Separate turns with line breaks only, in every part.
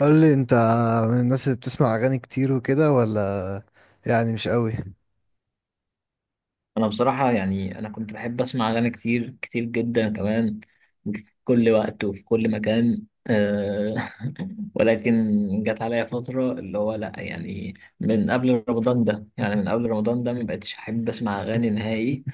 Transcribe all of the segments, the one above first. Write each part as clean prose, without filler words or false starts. قول لي انت، من الناس اللي بتسمع اغاني كتير وكده، ولا يعني مش قوي؟
انا بصراحة انا كنت بحب اسمع اغاني كتير كتير جدا كمان في كل وقت وفي كل مكان ولكن جت عليا فترة اللي هو لا من قبل رمضان ده ما بقتش احب اسمع اغاني نهائي.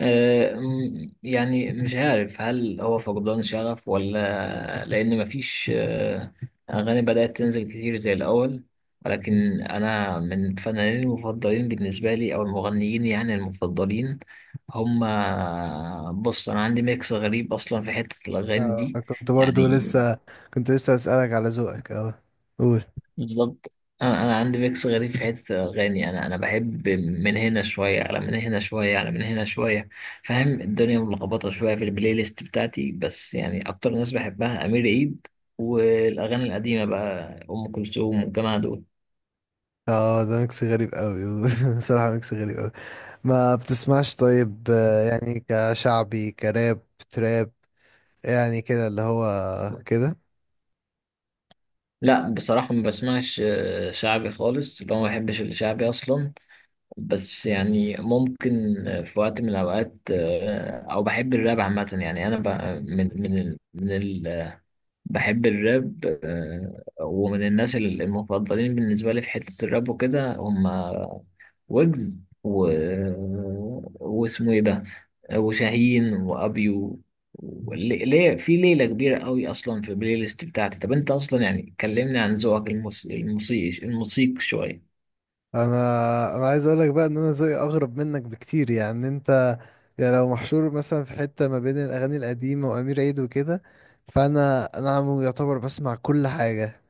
يعني مش عارف هل هو فقدان شغف ولا لان مفيش اغاني بدأت تنزل كتير زي الاول. ولكن أنا من الفنانين المفضلين بالنسبة لي أو المغنيين يعني المفضلين هم. بص، أنا عندي ميكس غريب أصلا في حتة الأغاني
اه،
دي، يعني
كنت لسه اسالك على ذوقك. اه، قول.
بالظبط. أنا عندي ميكس غريب في حتة الأغاني، أنا بحب من هنا شوية على من هنا شوية على من هنا شوية. فاهم؟ الدنيا ملخبطة شوية في البلاي ليست بتاعتي، بس يعني أكتر ناس بحبها أمير عيد، والأغاني القديمة بقى أم كلثوم والجماعة دول.
اه، ده ميكس غريب قوي. بصراحه ميكس غريب قوي. ما بتسمعش طيب، يعني كشعبي، كراب، تراب؟ يعني كده اللي هو كده.
لا، بصراحة ما بسمعش شعبي خالص، اللي هو ما بحبش الشعبي أصلا. بس يعني ممكن في وقت من الأوقات، أو بحب الراب عامة. يعني أنا ب- من من ال من ال بحب الراب، ومن الناس المفضلين بالنسبة لي في حتة الراب وكده هم ويجز، و واسمه إيه ده، وشاهين وابيو. ليه في ليله كبيره قوي اصلا في البلاي ليست بتاعتي. طب انت اصلا، يعني كلمني عن ذوقك الموسيقي، الموسيقي شويه.
انا عايز اقولك بقى ان انا ذوقي اغرب منك بكتير. يعني انت يعني لو محشور مثلا في حتة ما بين الاغاني القديمة وامير عيد وكده، فانا عم يعتبر بسمع كل حاجة.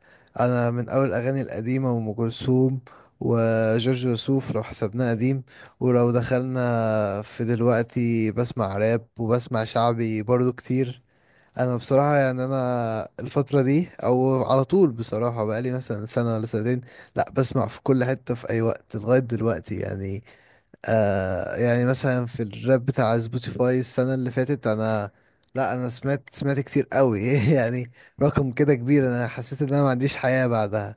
انا من اول الاغاني القديمة، وام كلثوم وجورج وسوف لو حسبناه قديم. ولو دخلنا في دلوقتي، بسمع راب وبسمع شعبي برضو كتير. انا بصراحه، يعني انا الفتره دي او على طول بصراحه، بقالي مثلا سنه ولا سنتين لا بسمع في كل حته في اي وقت لغايه دلوقتي يعني. آه يعني مثلا في الراب بتاع سبوتيفاي السنه اللي فاتت، انا لا، انا سمعت كتير قوي يعني. رقم كده كبير، انا حسيت ان انا ما عنديش حياه بعدها.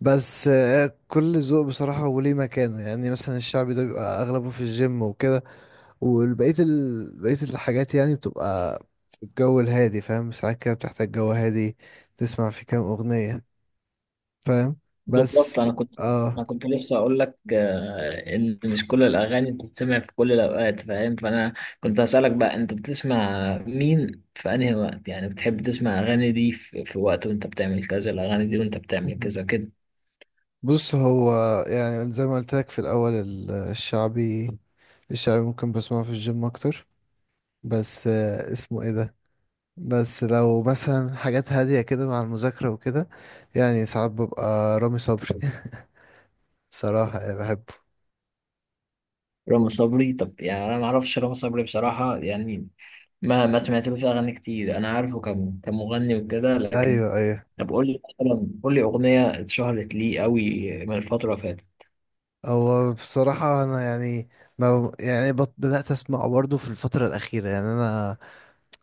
بس آه، كل ذوق بصراحه وليه مكانه. يعني مثلا الشعبي ده بيبقى اغلبه في الجيم وكده، والبقية بقية الحاجات يعني بتبقى في الجو الهادي. فاهم؟ ساعات كده بتحتاج جو هادي، تسمع في كام أغنية. فاهم؟
بالظبط.
بس
انا كنت
اه
انا كنت لسه اقول لك ان مش كل الاغاني بتتسمع في كل الاوقات، فاهم؟ فانا كنت هسالك بقى، انت بتسمع مين في انهي وقت؟ يعني بتحب تسمع اغاني دي في، في وقت وانت بتعمل كذا، الاغاني دي وانت بتعمل كذا، كده.
بص هو، يعني زي ما قلت لك في الأول، الشعبي، الشعبي ممكن بسمعه في الجيم أكتر. بس آه، اسمه ايه ده، بس لو مثلا حاجات هادية كده مع المذاكرة وكده، يعني ساعات ببقى رامي صبري. صراحة يعني بحبه.
رامي صبري؟ طب يعني انا ما اعرفش رامي صبري بصراحه، يعني ما سمعتلوش اغاني كتير. انا عارفه كمغني وكده لكن.
أيوه، أيوه.
طب قول لي مثلا، قول لي اغنيه اتشهرت ليه قوي من الفتره اللي فاتت.
هو بصراحة أنا يعني، ما يعني بدأت أسمع برضه في الفترة الأخيرة. يعني أنا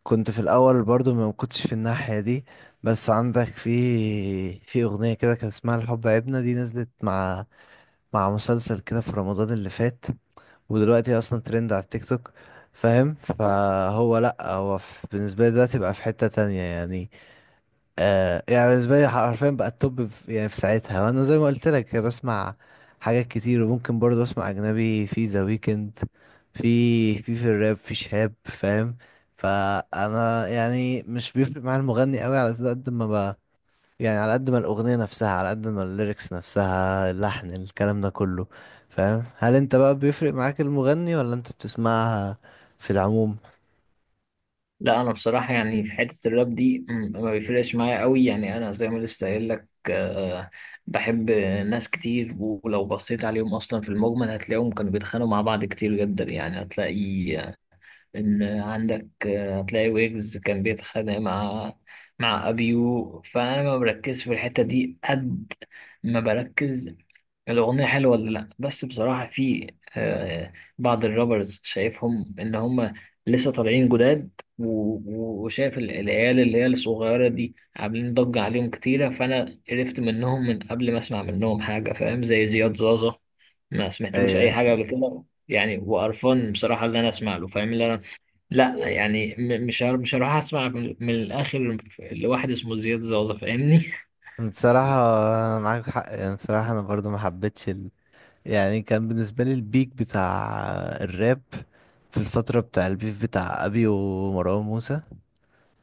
كنت في الأول برضه ما كنتش في الناحية دي. بس عندك في أغنية كده كان اسمها الحب عيبنا. دي نزلت مع مع مسلسل كده في رمضان اللي فات، ودلوقتي أصلا ترند على التيك توك. فاهم؟ فهو لأ، هو بالنسبة لي دلوقتي بقى في حتة تانية يعني. آه يعني بالنسبة لي حرفيا بقى التوب في ساعتها. وانا زي ما قلت لك بسمع حاجات كتير، وممكن برضه اسمع اجنبي في ذا ويكند، في في الراب، في شهاب. فاهم؟ فانا يعني مش بيفرق معايا المغني قوي، على قد ما بقى يعني، على قد ما الاغنية نفسها، على قد ما الليركس نفسها، اللحن، الكلام ده كله. فاهم؟ هل انت بقى بيفرق معاك المغني، ولا انت بتسمعها في العموم؟
لا انا بصراحه يعني في حته الراب دي ما بيفرقش معايا قوي، يعني انا زي ما لسه قايل لك، بحب ناس كتير. ولو بصيت عليهم اصلا في المجمل هتلاقيهم كانوا بيتخانقوا مع بعض كتير جدا. يعني هتلاقي إن عندك، هتلاقي ويجز كان بيتخانق مع، مع أبيو. فأنا ما بركزش في الحتة دي قد ما بركز الأغنية حلوة ولا لأ. بس بصراحة في آه، بعض الرابرز شايفهم إن هم لسه طالعين جداد، و- و- وشايف العيال اللي هي الصغيرة دي عاملين ضجة عليهم كتيرة. فأنا عرفت منهم من قبل ما أسمع منهم حاجة، فاهم؟ زي زياد زازا، ما سمعتلوش أي
ايه
حاجة قبل كده يعني، وقرفان بصراحة اللي أنا أسمع له، فاهم؟ اللي أنا لا يعني مش هروح اسمع من الاخر لواحد اسمه زياد زوزة، فاهمني؟
بصراحة، معاك حق يعني. بصراحة أنا برضو ما حبيتش. يعني كان بالنسبة لي البيك بتاع الراب في الفترة بتاع البيف بتاع أبي ومروان موسى،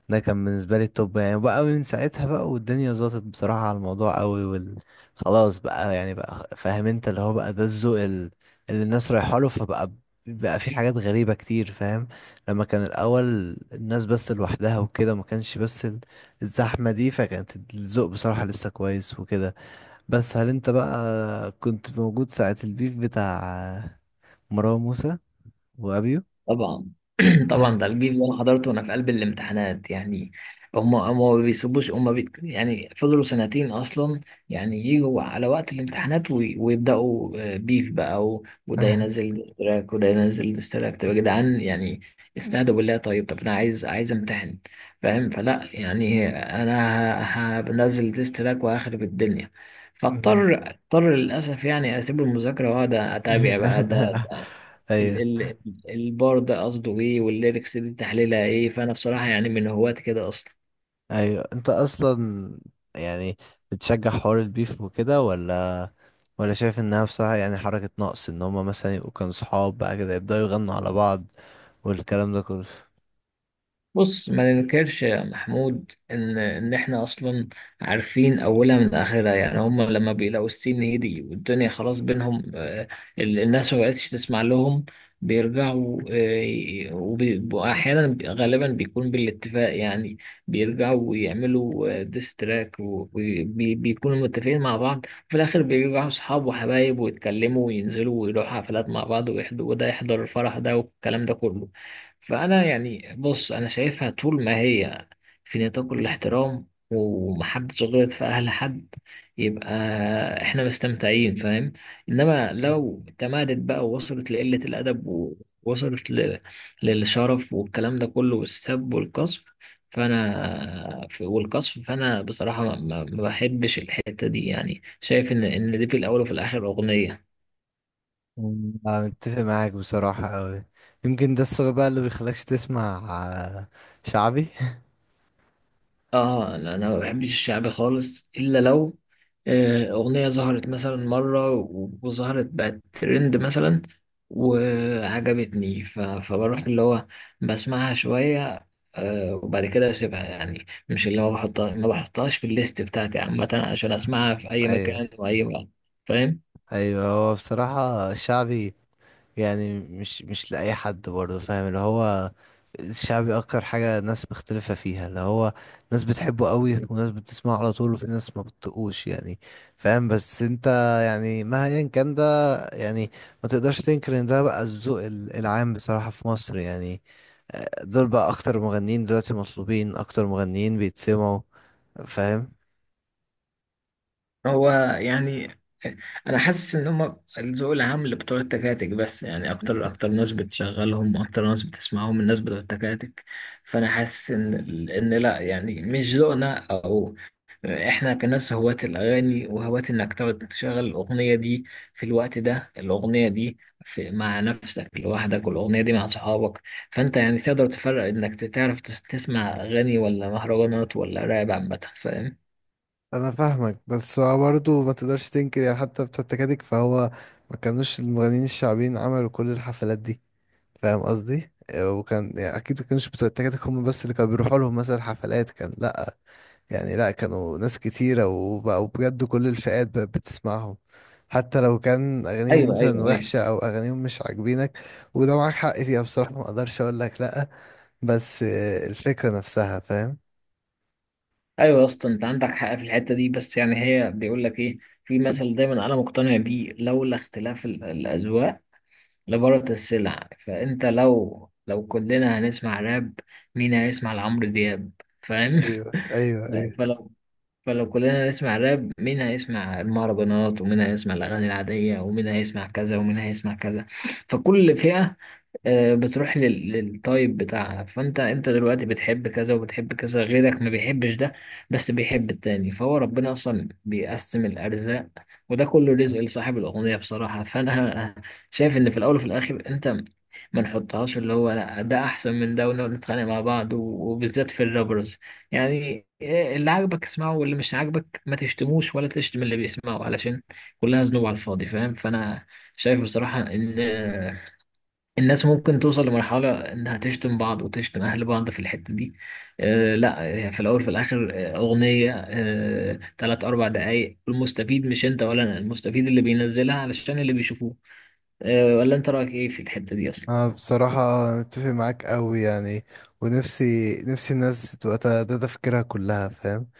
ده كان بالنسبة لي التوب يعني. بقى من ساعتها بقى، والدنيا ظبطت بصراحة على الموضوع قوي، خلاص بقى. يعني بقى فاهم انت، اللي هو بقى ده الذوق اللي الناس رايحة له، فبقى بقى في حاجات غريبة كتير. فاهم؟ لما كان الأول الناس بس لوحدها وكده، ما كانش بس الزحمة دي، فكانت الذوق بصراحة لسه كويس وكده. بس هل انت بقى كنت موجود ساعة البيف بتاع مروان موسى وابيو؟
طبعا. طبعا، ده الجيل اللي انا حضرته وانا في قلب الامتحانات يعني. هم ما بيسيبوش، هم بي يعني فضلوا سنتين اصلا، يعني يجوا على وقت الامتحانات ويبداوا، بيف بقى، وده ينزل ديستراك وده ينزل ديستراك. طب يا جدعان يعني استهدوا بالله. طيب، طب انا عايز، عايز امتحن، فاهم؟ فلا يعني انا هنزل ديستراك وهخرب الدنيا.
مم.
فاضطر للاسف يعني اسيب المذاكره واقعد اتابع بقى ده ال-
ايوه،
ال- البار ده قصده ايه، والليركس دي تحليلها ايه. فانا بصراحة يعني من هواة كده اصلا.
ايوه، انت اصلا يعني بتشجع حوار البيف وكده، ولا شايف انها بصراحة يعني حركة نقص، ان هما مثلا يبقوا كانوا صحاب بقى كده يبدأوا يغنوا على بعض والكلام ده كله؟
بص، ما ننكرش يا محمود ان احنا اصلا عارفين اولها من اخرها. يعني هم لما بيلاقوا السين هدي والدنيا خلاص بينهم، الناس ما بقتش تسمع لهم، بيرجعوا، غالبا بيكون بالاتفاق. يعني بيرجعوا ويعملوا ديستراك وبيكونوا متفقين مع بعض، في الاخر بيرجعوا اصحاب وحبايب ويتكلموا وينزلوا ويروحوا حفلات مع بعض ويحضروا، وده يحضر الفرح ده والكلام ده كله. فأنا يعني بص، أنا شايفها طول ما هي في نطاق الاحترام ومحدش غلط في أهل حد، يبقى إحنا مستمتعين، فاهم؟ إنما لو تمادت بقى ووصلت لقلة الأدب، ووصلت للشرف والكلام ده كله، والسب والقصف، فأنا بصراحة ما بحبش الحتة دي. يعني شايف إن دي في الأول وفي الآخر أغنية.
مم. انا متفق معاك بصراحة اوي. يمكن ده السبب بقى اللي بيخليكش تسمع شعبي.
اه لا، انا ما بحبش الشعبي خالص، الا لو اغنيه ظهرت مثلا مره وظهرت بقت ترند مثلا وعجبتني، فبروح اللي هو بسمعها شويه، وبعد كده اسيبها. يعني مش اللي هو بحطها، ما بحطهاش في الليست بتاعتي عامه عشان اسمعها في اي
ايوه،
مكان واي وقت، فاهم؟
ايوه. هو بصراحة الشعبي يعني مش لأي حد برضه، فاهم؟ اللي هو الشعبي اكتر حاجة ناس مختلفة فيها، اللي هو ناس بتحبه قوي، وناس بتسمعه على طول، وفي ناس ما بتطقوش يعني. فاهم؟ بس انت يعني مهما كان ده، يعني ما تقدرش تنكر ان ده بقى الذوق العام بصراحة في مصر يعني. دول بقى اكتر مغنيين دلوقتي مطلوبين، اكتر مغنيين بيتسمعوا. فاهم؟
هو يعني انا حاسس ان هم الذوق العام اللي بتوع التكاتك بس، يعني اكتر اكتر ناس بتشغلهم، اكتر ناس بتسمعهم الناس بتوع التكاتك. فانا حاسس ان، ان لا يعني مش ذوقنا، او احنا كناس هواة الاغاني وهواة انك تقعد تشغل الاغنيه دي في الوقت ده، الاغنيه دي في مع نفسك لوحدك، والاغنيه دي مع صحابك. فانت يعني تقدر تفرق انك تعرف تسمع اغاني ولا مهرجانات ولا راب عامه، فاهم؟
انا فاهمك، بس هو برضه ما تقدرش تنكر يعني، حتى بتوع التكاتك. فهو ما كانوش المغنيين الشعبيين عملوا كل الحفلات دي. فاهم قصدي؟ آه، وكان يعني اكيد ما كانوش بتوع التكاتك هم بس اللي كانوا بيروحوا لهم مثلا حفلات، كان لا، يعني لا، كانوا ناس كتيرة، وبقوا بجد كل الفئات بقت بتسمعهم، حتى لو كان اغانيهم
ايوه، ايوه،
مثلا
ايوه.
وحشة، او اغانيهم مش عاجبينك. وده معاك حق فيها، بصراحة ما اقدرش اقول لك لا. بس آه، الفكرة نفسها. فاهم؟
ايوه يا اسطى، انت عندك حق في الحته دي. بس يعني هي بيقول لك ايه، في مثل دايما انا مقتنع بيه، لولا اختلاف الاذواق لبارت السلع. فانت لو كلنا هنسمع راب، مين هيسمع لعمرو دياب؟ فاهم؟
ايوه، ايوه، ايوه.
فلو فلو كلنا هنسمع راب، مين هيسمع المهرجانات، ومين هيسمع الاغاني العاديه، ومين هيسمع كذا، ومين هيسمع كذا؟ فكل فئه بتروح للطيب بتاعها. فانت، انت دلوقتي بتحب كذا وبتحب كذا، غيرك ما بيحبش ده بس بيحب التاني. فهو ربنا اصلا بيقسم الارزاق، وده كله رزق لصاحب الاغنية بصراحة. فانا شايف ان في الاول وفي الاخر، انت ما نحطهاش اللي هو لا ده احسن من ده ونقعد نتخانق مع بعض، وبالذات في الرابرز. يعني اللي عاجبك اسمعه، واللي مش عاجبك ما تشتموش ولا تشتم اللي بيسمعه، علشان كلها ذنوب على الفاضي، فاهم؟ فانا شايف بصراحة إن الناس ممكن توصل لمرحلة إنها تشتم بعض وتشتم أهل بعض في الحتة دي. آه لا، هي في الأول في الآخر أغنية، آه 3 4 دقايق. المستفيد مش أنت ولا أنا، المستفيد اللي بينزلها علشان اللي بيشوفوه. آه، ولا أنت رأيك إيه في الحتة دي أصلا؟
أنا بصراحة أتفق معاك أوي يعني، ونفسي نفسي الناس تبقى ده ده تفكيرها كلها. فاهم؟